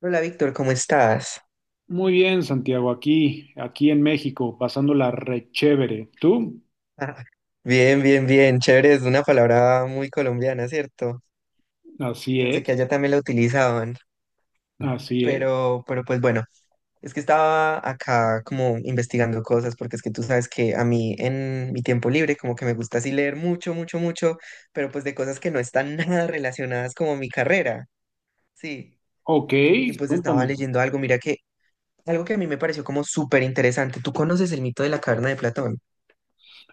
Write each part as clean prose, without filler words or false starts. Hola Víctor, ¿cómo estás? Muy bien, Santiago, aquí en México, pasándola re chévere. ¿Tú? Ah, bien, bien, bien, chévere, es una palabra muy colombiana, ¿cierto? Así Pensé que allá es, también la utilizaban, así es. pero, es que estaba acá como investigando cosas, porque es que tú sabes que a mí en mi tiempo libre como que me gusta así leer mucho, mucho, mucho, pero pues de cosas que no están nada relacionadas como a mi carrera, sí. Ok, Y pues estaba cuéntame. leyendo algo, mira que algo que a mí me pareció como súper interesante. ¿Tú conoces el mito de la caverna de Platón?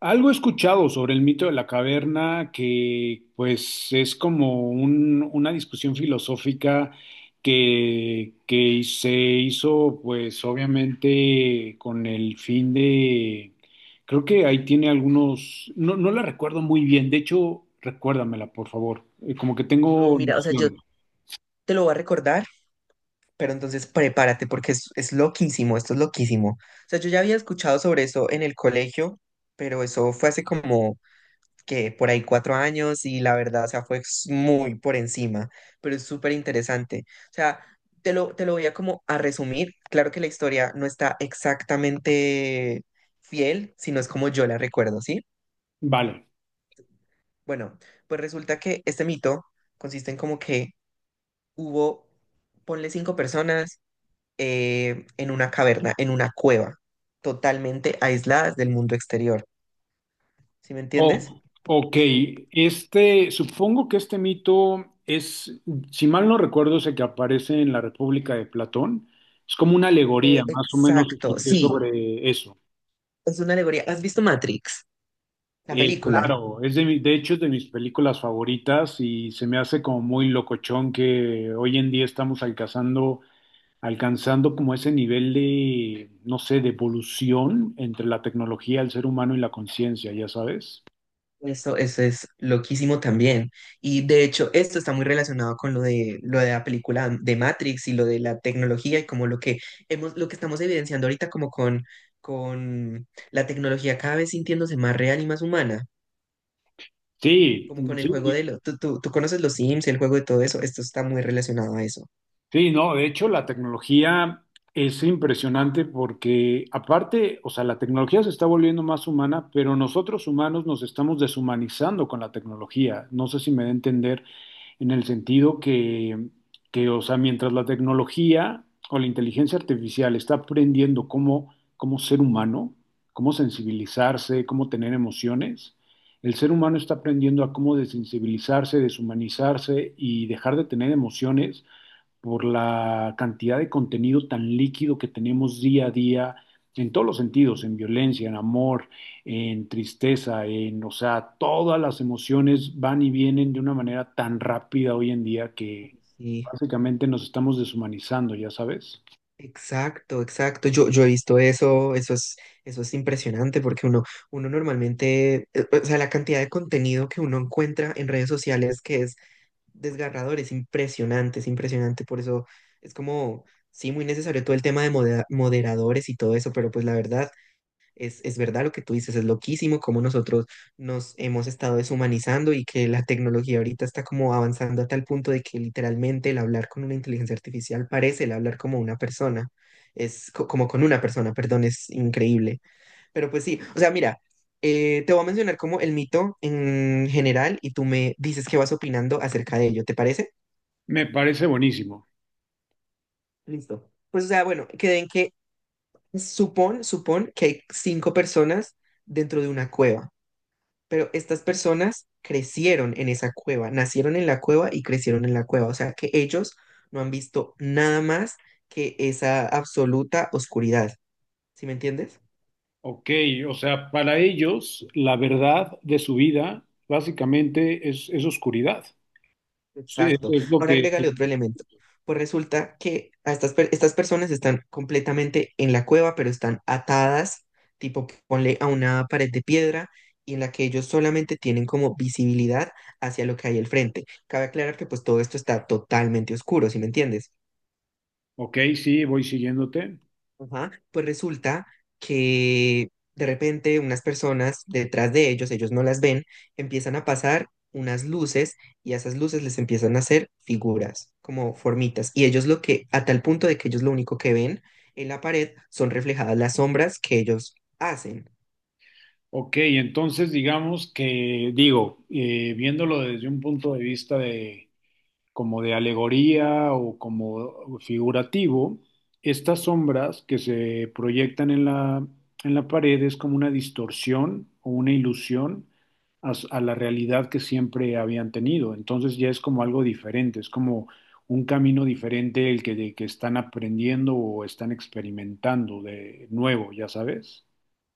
Algo he escuchado sobre el mito de la caverna que pues es como una discusión filosófica que se hizo pues obviamente con el fin de, creo que ahí tiene algunos, no, no la recuerdo muy bien, de hecho recuérdamela por favor. Como que No, tengo mira, o sea, yo noción. te lo voy a recordar. Pero entonces prepárate porque es loquísimo, esto es loquísimo. O sea, yo ya había escuchado sobre eso en el colegio, pero eso fue hace como que por ahí 4 años y la verdad, o sea, muy por encima, pero es súper interesante. O sea, te lo voy a como a resumir. Claro que la historia no está exactamente fiel, sino es como yo la recuerdo, ¿sí? Vale. Bueno, pues resulta que este mito consiste en como que hubo, ponle 5 personas, en una caverna, en una cueva, totalmente aisladas del mundo exterior. ¿Sí me entiendes? Ok. Este, supongo que este mito es, si mal no recuerdo, es el que aparece en la República de Platón. Es como una alegoría, más o menos Exacto, escuché sí, sobre eso. es una alegoría. ¿Has visto Matrix, la película? Claro, es de, de hecho es de mis películas favoritas y se me hace como muy locochón que hoy en día estamos alcanzando como ese nivel de, no sé, de evolución entre la tecnología, el ser humano y la conciencia, ya sabes. Eso es loquísimo también. Y de hecho, esto está muy relacionado con lo de la película de Matrix y lo de la tecnología y como lo que hemos, lo que estamos evidenciando ahorita como con la tecnología cada vez sintiéndose más real y más humana. Sí, Como con el juego sí. de lo, tú conoces los Sims, el juego de todo eso, esto está muy relacionado a eso. Sí, no, de hecho la tecnología es impresionante porque aparte, o sea, la tecnología se está volviendo más humana, pero nosotros humanos nos estamos deshumanizando con la tecnología. No sé si me da a entender en el sentido que, o sea, mientras la tecnología o la inteligencia artificial está aprendiendo cómo, cómo ser humano, cómo sensibilizarse, cómo tener emociones, el ser humano está aprendiendo a cómo desensibilizarse, deshumanizarse y dejar de tener emociones por la cantidad de contenido tan líquido que tenemos día a día en todos los sentidos, en violencia, en amor, en tristeza, en, o sea, todas las emociones van y vienen de una manera tan rápida hoy en día que Uy, sí, básicamente nos estamos deshumanizando, ya sabes. exacto, exacto. Yo he visto eso, eso es impresionante porque uno, uno normalmente, o sea, la cantidad de contenido que uno encuentra en redes sociales que es desgarrador, es impresionante, es impresionante. Por eso es como, sí, muy necesario todo el tema de moderadores y todo eso, pero pues la verdad, es verdad lo que tú dices, es loquísimo cómo nosotros nos hemos estado deshumanizando y que la tecnología ahorita está como avanzando a tal punto de que literalmente el hablar con una inteligencia artificial parece el hablar como una persona, como con una persona, perdón, es increíble. Pero pues sí, o sea, mira, te voy a mencionar como el mito en general y tú me dices qué vas opinando acerca de ello, ¿te parece? Me parece buenísimo. Listo. Pues o sea, bueno, queden que supón que hay 5 personas dentro de una cueva. Pero estas personas crecieron en esa cueva, nacieron en la cueva y crecieron en la cueva. O sea que ellos no han visto nada más que esa absoluta oscuridad. ¿Sí me entiendes? Ok, o sea, para ellos la verdad de su vida básicamente es oscuridad. Sí, Exacto. es lo Ahora que... agrégale otro elemento. Pues resulta que a estas personas están completamente en la cueva, pero están atadas, tipo ponle a una pared de piedra y en la que ellos solamente tienen como visibilidad hacia lo que hay al frente. Cabe aclarar que pues todo esto está totalmente oscuro, ¿sí me entiendes? Ok, sí, voy siguiéndote. Ajá, pues resulta que de repente unas personas detrás de ellos, ellos no las ven, empiezan a pasar unas luces y a esas luces les empiezan a hacer figuras, como formitas. Y ellos lo que, a tal punto de que ellos lo único que ven en la pared son reflejadas las sombras que ellos hacen. Ok, entonces digamos que, digo, viéndolo desde un punto de vista de como de alegoría o como figurativo, estas sombras que se proyectan en la pared es como una distorsión o una ilusión a, a la realidad que siempre habían tenido. Entonces ya es como algo diferente, es como un camino diferente el que, de que están aprendiendo o están experimentando de nuevo, ya sabes.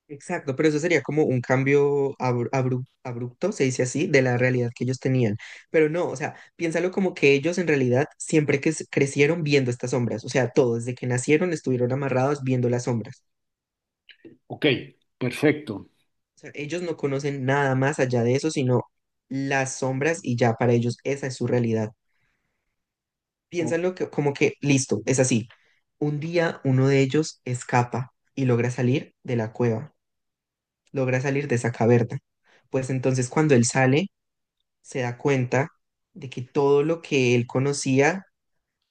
Exacto, pero eso sería como un cambio abrupto, se dice así, de la realidad que ellos tenían. Pero no, o sea, piénsalo como que ellos en realidad siempre crecieron viendo estas sombras, o sea, todos desde que nacieron estuvieron amarrados viendo las sombras. Ok, perfecto. O sea, ellos no conocen nada más allá de eso, sino las sombras y ya para ellos esa es su realidad. Piénsalo que, como que, listo, es así. Un día uno de ellos escapa y logra salir de la cueva, logra salir de esa caverna. Pues entonces cuando él sale se da cuenta de que todo lo que él conocía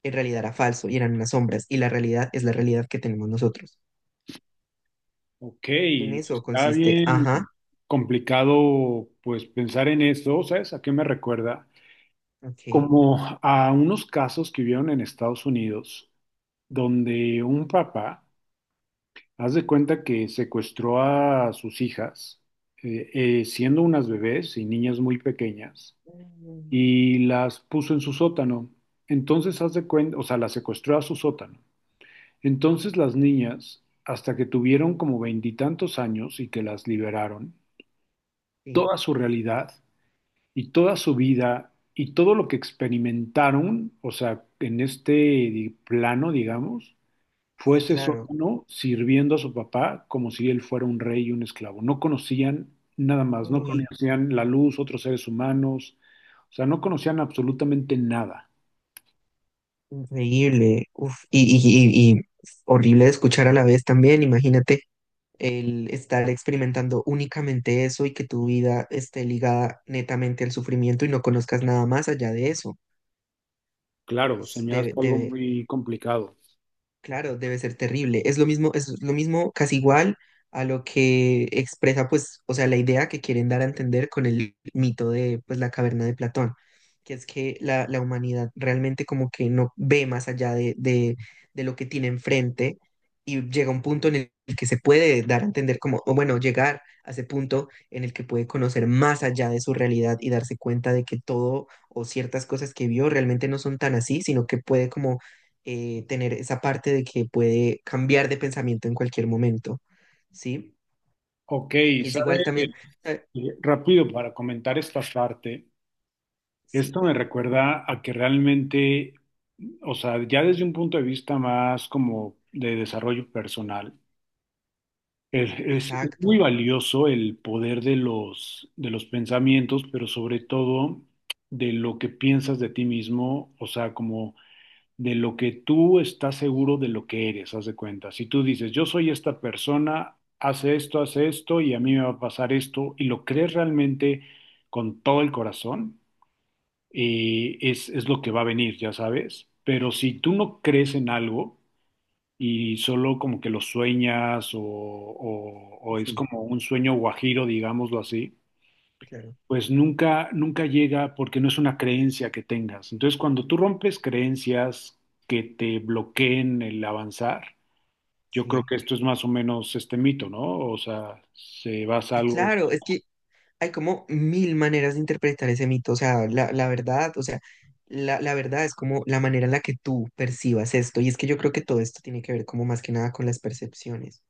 en realidad era falso y eran unas sombras, y la realidad es la realidad que tenemos nosotros. Ok, En eso está consiste, bien ajá, complicado pues pensar en eso, ¿sabes? ¿A qué me recuerda? ok. Como a unos casos que vieron en Estados Unidos, donde un papá, haz de cuenta que secuestró a sus hijas, siendo unas bebés y niñas muy pequeñas, Mm, y las puso en su sótano. Entonces, haz de cuenta, o sea, las secuestró a su sótano. Entonces las niñas, hasta que tuvieron como veintitantos años y que las liberaron, sí, toda su realidad y toda su vida y todo lo que experimentaron, o sea, en este plano, digamos, fue sí, ese claro. sótano sirviendo a su papá como si él fuera un rey y un esclavo. No conocían nada más, no Uy, conocían la luz, otros seres humanos, o sea, no conocían absolutamente nada. increíble. Uf, y horrible de escuchar a la vez también, imagínate. El estar experimentando únicamente eso y que tu vida esté ligada netamente al sufrimiento y no conozcas nada más allá de eso. Claro, se me hace algo Debe, muy complicado. claro, debe ser terrible. Es lo mismo, casi igual a lo que expresa, pues, o sea, la idea que quieren dar a entender con el mito de, pues, la caverna de Platón, que es que la humanidad realmente como que no ve más allá de lo que tiene enfrente y llega a un punto en el que se puede dar a entender como, o bueno, llegar a ese punto en el que puede conocer más allá de su realidad y darse cuenta de que todo o ciertas cosas que vio realmente no son tan así, sino que puede como tener esa parte de que puede cambiar de pensamiento en cualquier momento, ¿sí? Ok, Y es ¿sabe? igual también, eh, Rápido para comentar esta parte. sí, Esto me recuerda a que realmente, o sea, ya desde un punto de vista más como de desarrollo personal, es, es muy exacto, valioso el poder de de los pensamientos, pero sobre todo de lo que piensas de ti mismo, o sea, como de lo que tú estás seguro de lo que eres, haz de cuenta. Si tú dices, yo soy esta persona, hace esto, y a mí me va a pasar esto, y lo crees realmente con todo el corazón. Es lo que va a venir, ya sabes. Pero si tú no crees en algo y solo como que lo sueñas o, o es sí, como un sueño guajiro, digámoslo así, claro, pues nunca, nunca llega porque no es una creencia que tengas. Entonces, cuando tú rompes creencias que te bloqueen el avanzar, yo creo sí, que esto es más o menos este mito, ¿no? O sea, se basa sí, algo. claro, es que hay como 1000 maneras de interpretar ese mito, o sea, la verdad, o sea, la verdad es como la manera en la que tú percibas esto, y es que yo creo que todo esto tiene que ver como más que nada con las percepciones.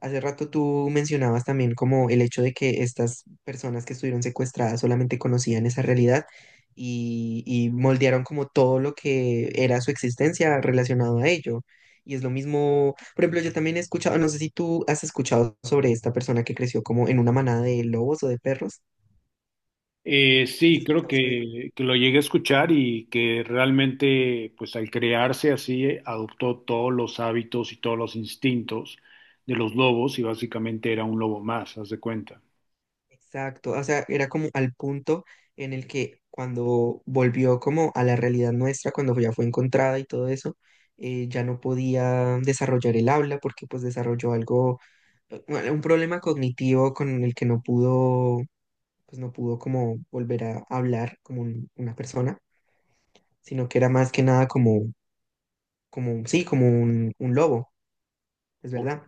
Hace rato tú mencionabas también como el hecho de que estas personas que estuvieron secuestradas solamente conocían esa realidad y moldearon como todo lo que era su existencia relacionado a ello. Y es lo mismo, por ejemplo, yo también he escuchado, no sé si tú has escuchado sobre esta persona que creció como en una manada de lobos o de perros. ¿Has Sí, creo escuchado sobre que lo llegué a escuchar y que realmente, pues al crearse así, adoptó todos los hábitos y todos los instintos de los lobos y básicamente era un lobo más, haz de cuenta. exacto, o sea, era como al punto en el que cuando volvió como a la realidad nuestra, cuando ya fue encontrada y todo eso, ya no podía desarrollar el habla porque pues desarrolló algo, bueno, un problema cognitivo con el que no pudo, pues no pudo como volver a hablar como una persona, sino que era más que nada como, como, sí, como un lobo, es Ok. verdad.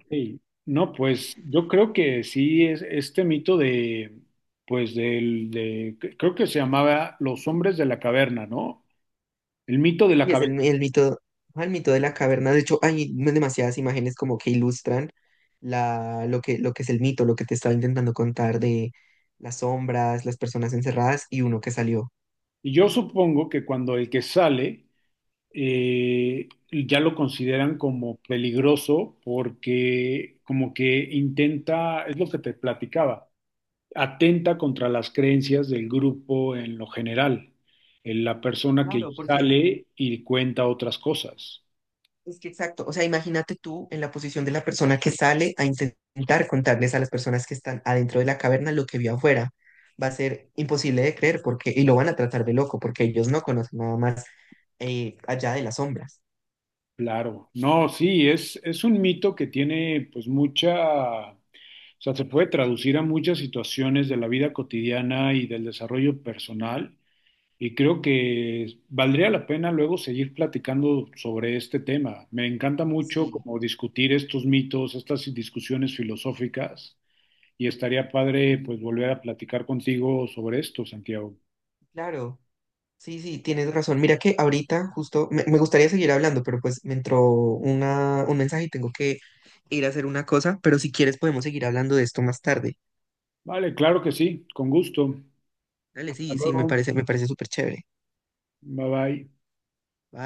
No, pues yo creo que sí, es este mito de, pues del, de, creo que se llamaba Los hombres de la caverna, ¿no? El mito de la Y es caverna. El mito, ajá, el mito de la caverna. De hecho, hay demasiadas imágenes como que ilustran la, lo que es el mito, lo que te estaba intentando contar de las sombras, las personas encerradas y uno que salió. Y yo supongo que cuando el que sale ya lo consideran como peligroso porque como que intenta, es lo que te platicaba, atenta contra las creencias del grupo en lo general, en la persona que Claro, porque sale y cuenta otras cosas. es que exacto. O sea, imagínate tú en la posición de la persona que sale a intentar contarles a las personas que están adentro de la caverna lo que vio afuera. Va a ser imposible de creer porque, y lo van a tratar de loco porque ellos no conocen nada más allá de las sombras. Claro, no, sí, es un mito que tiene pues mucha, o sea, se puede traducir a muchas situaciones de la vida cotidiana y del desarrollo personal. Y creo que valdría la pena luego seguir platicando sobre este tema. Me encanta mucho Sí, como discutir estos mitos, estas discusiones filosóficas, y estaría padre pues volver a platicar contigo sobre esto, Santiago. claro. Sí, sí, tienes razón. Mira que ahorita justo me, me gustaría seguir hablando, pero pues me entró una, un mensaje y tengo que ir a hacer una cosa, pero si quieres podemos seguir hablando de esto más tarde. Vale, claro que sí, con gusto. Dale, Hasta sí, sí, luego. Me parece súper chévere. Bye bye. Bye.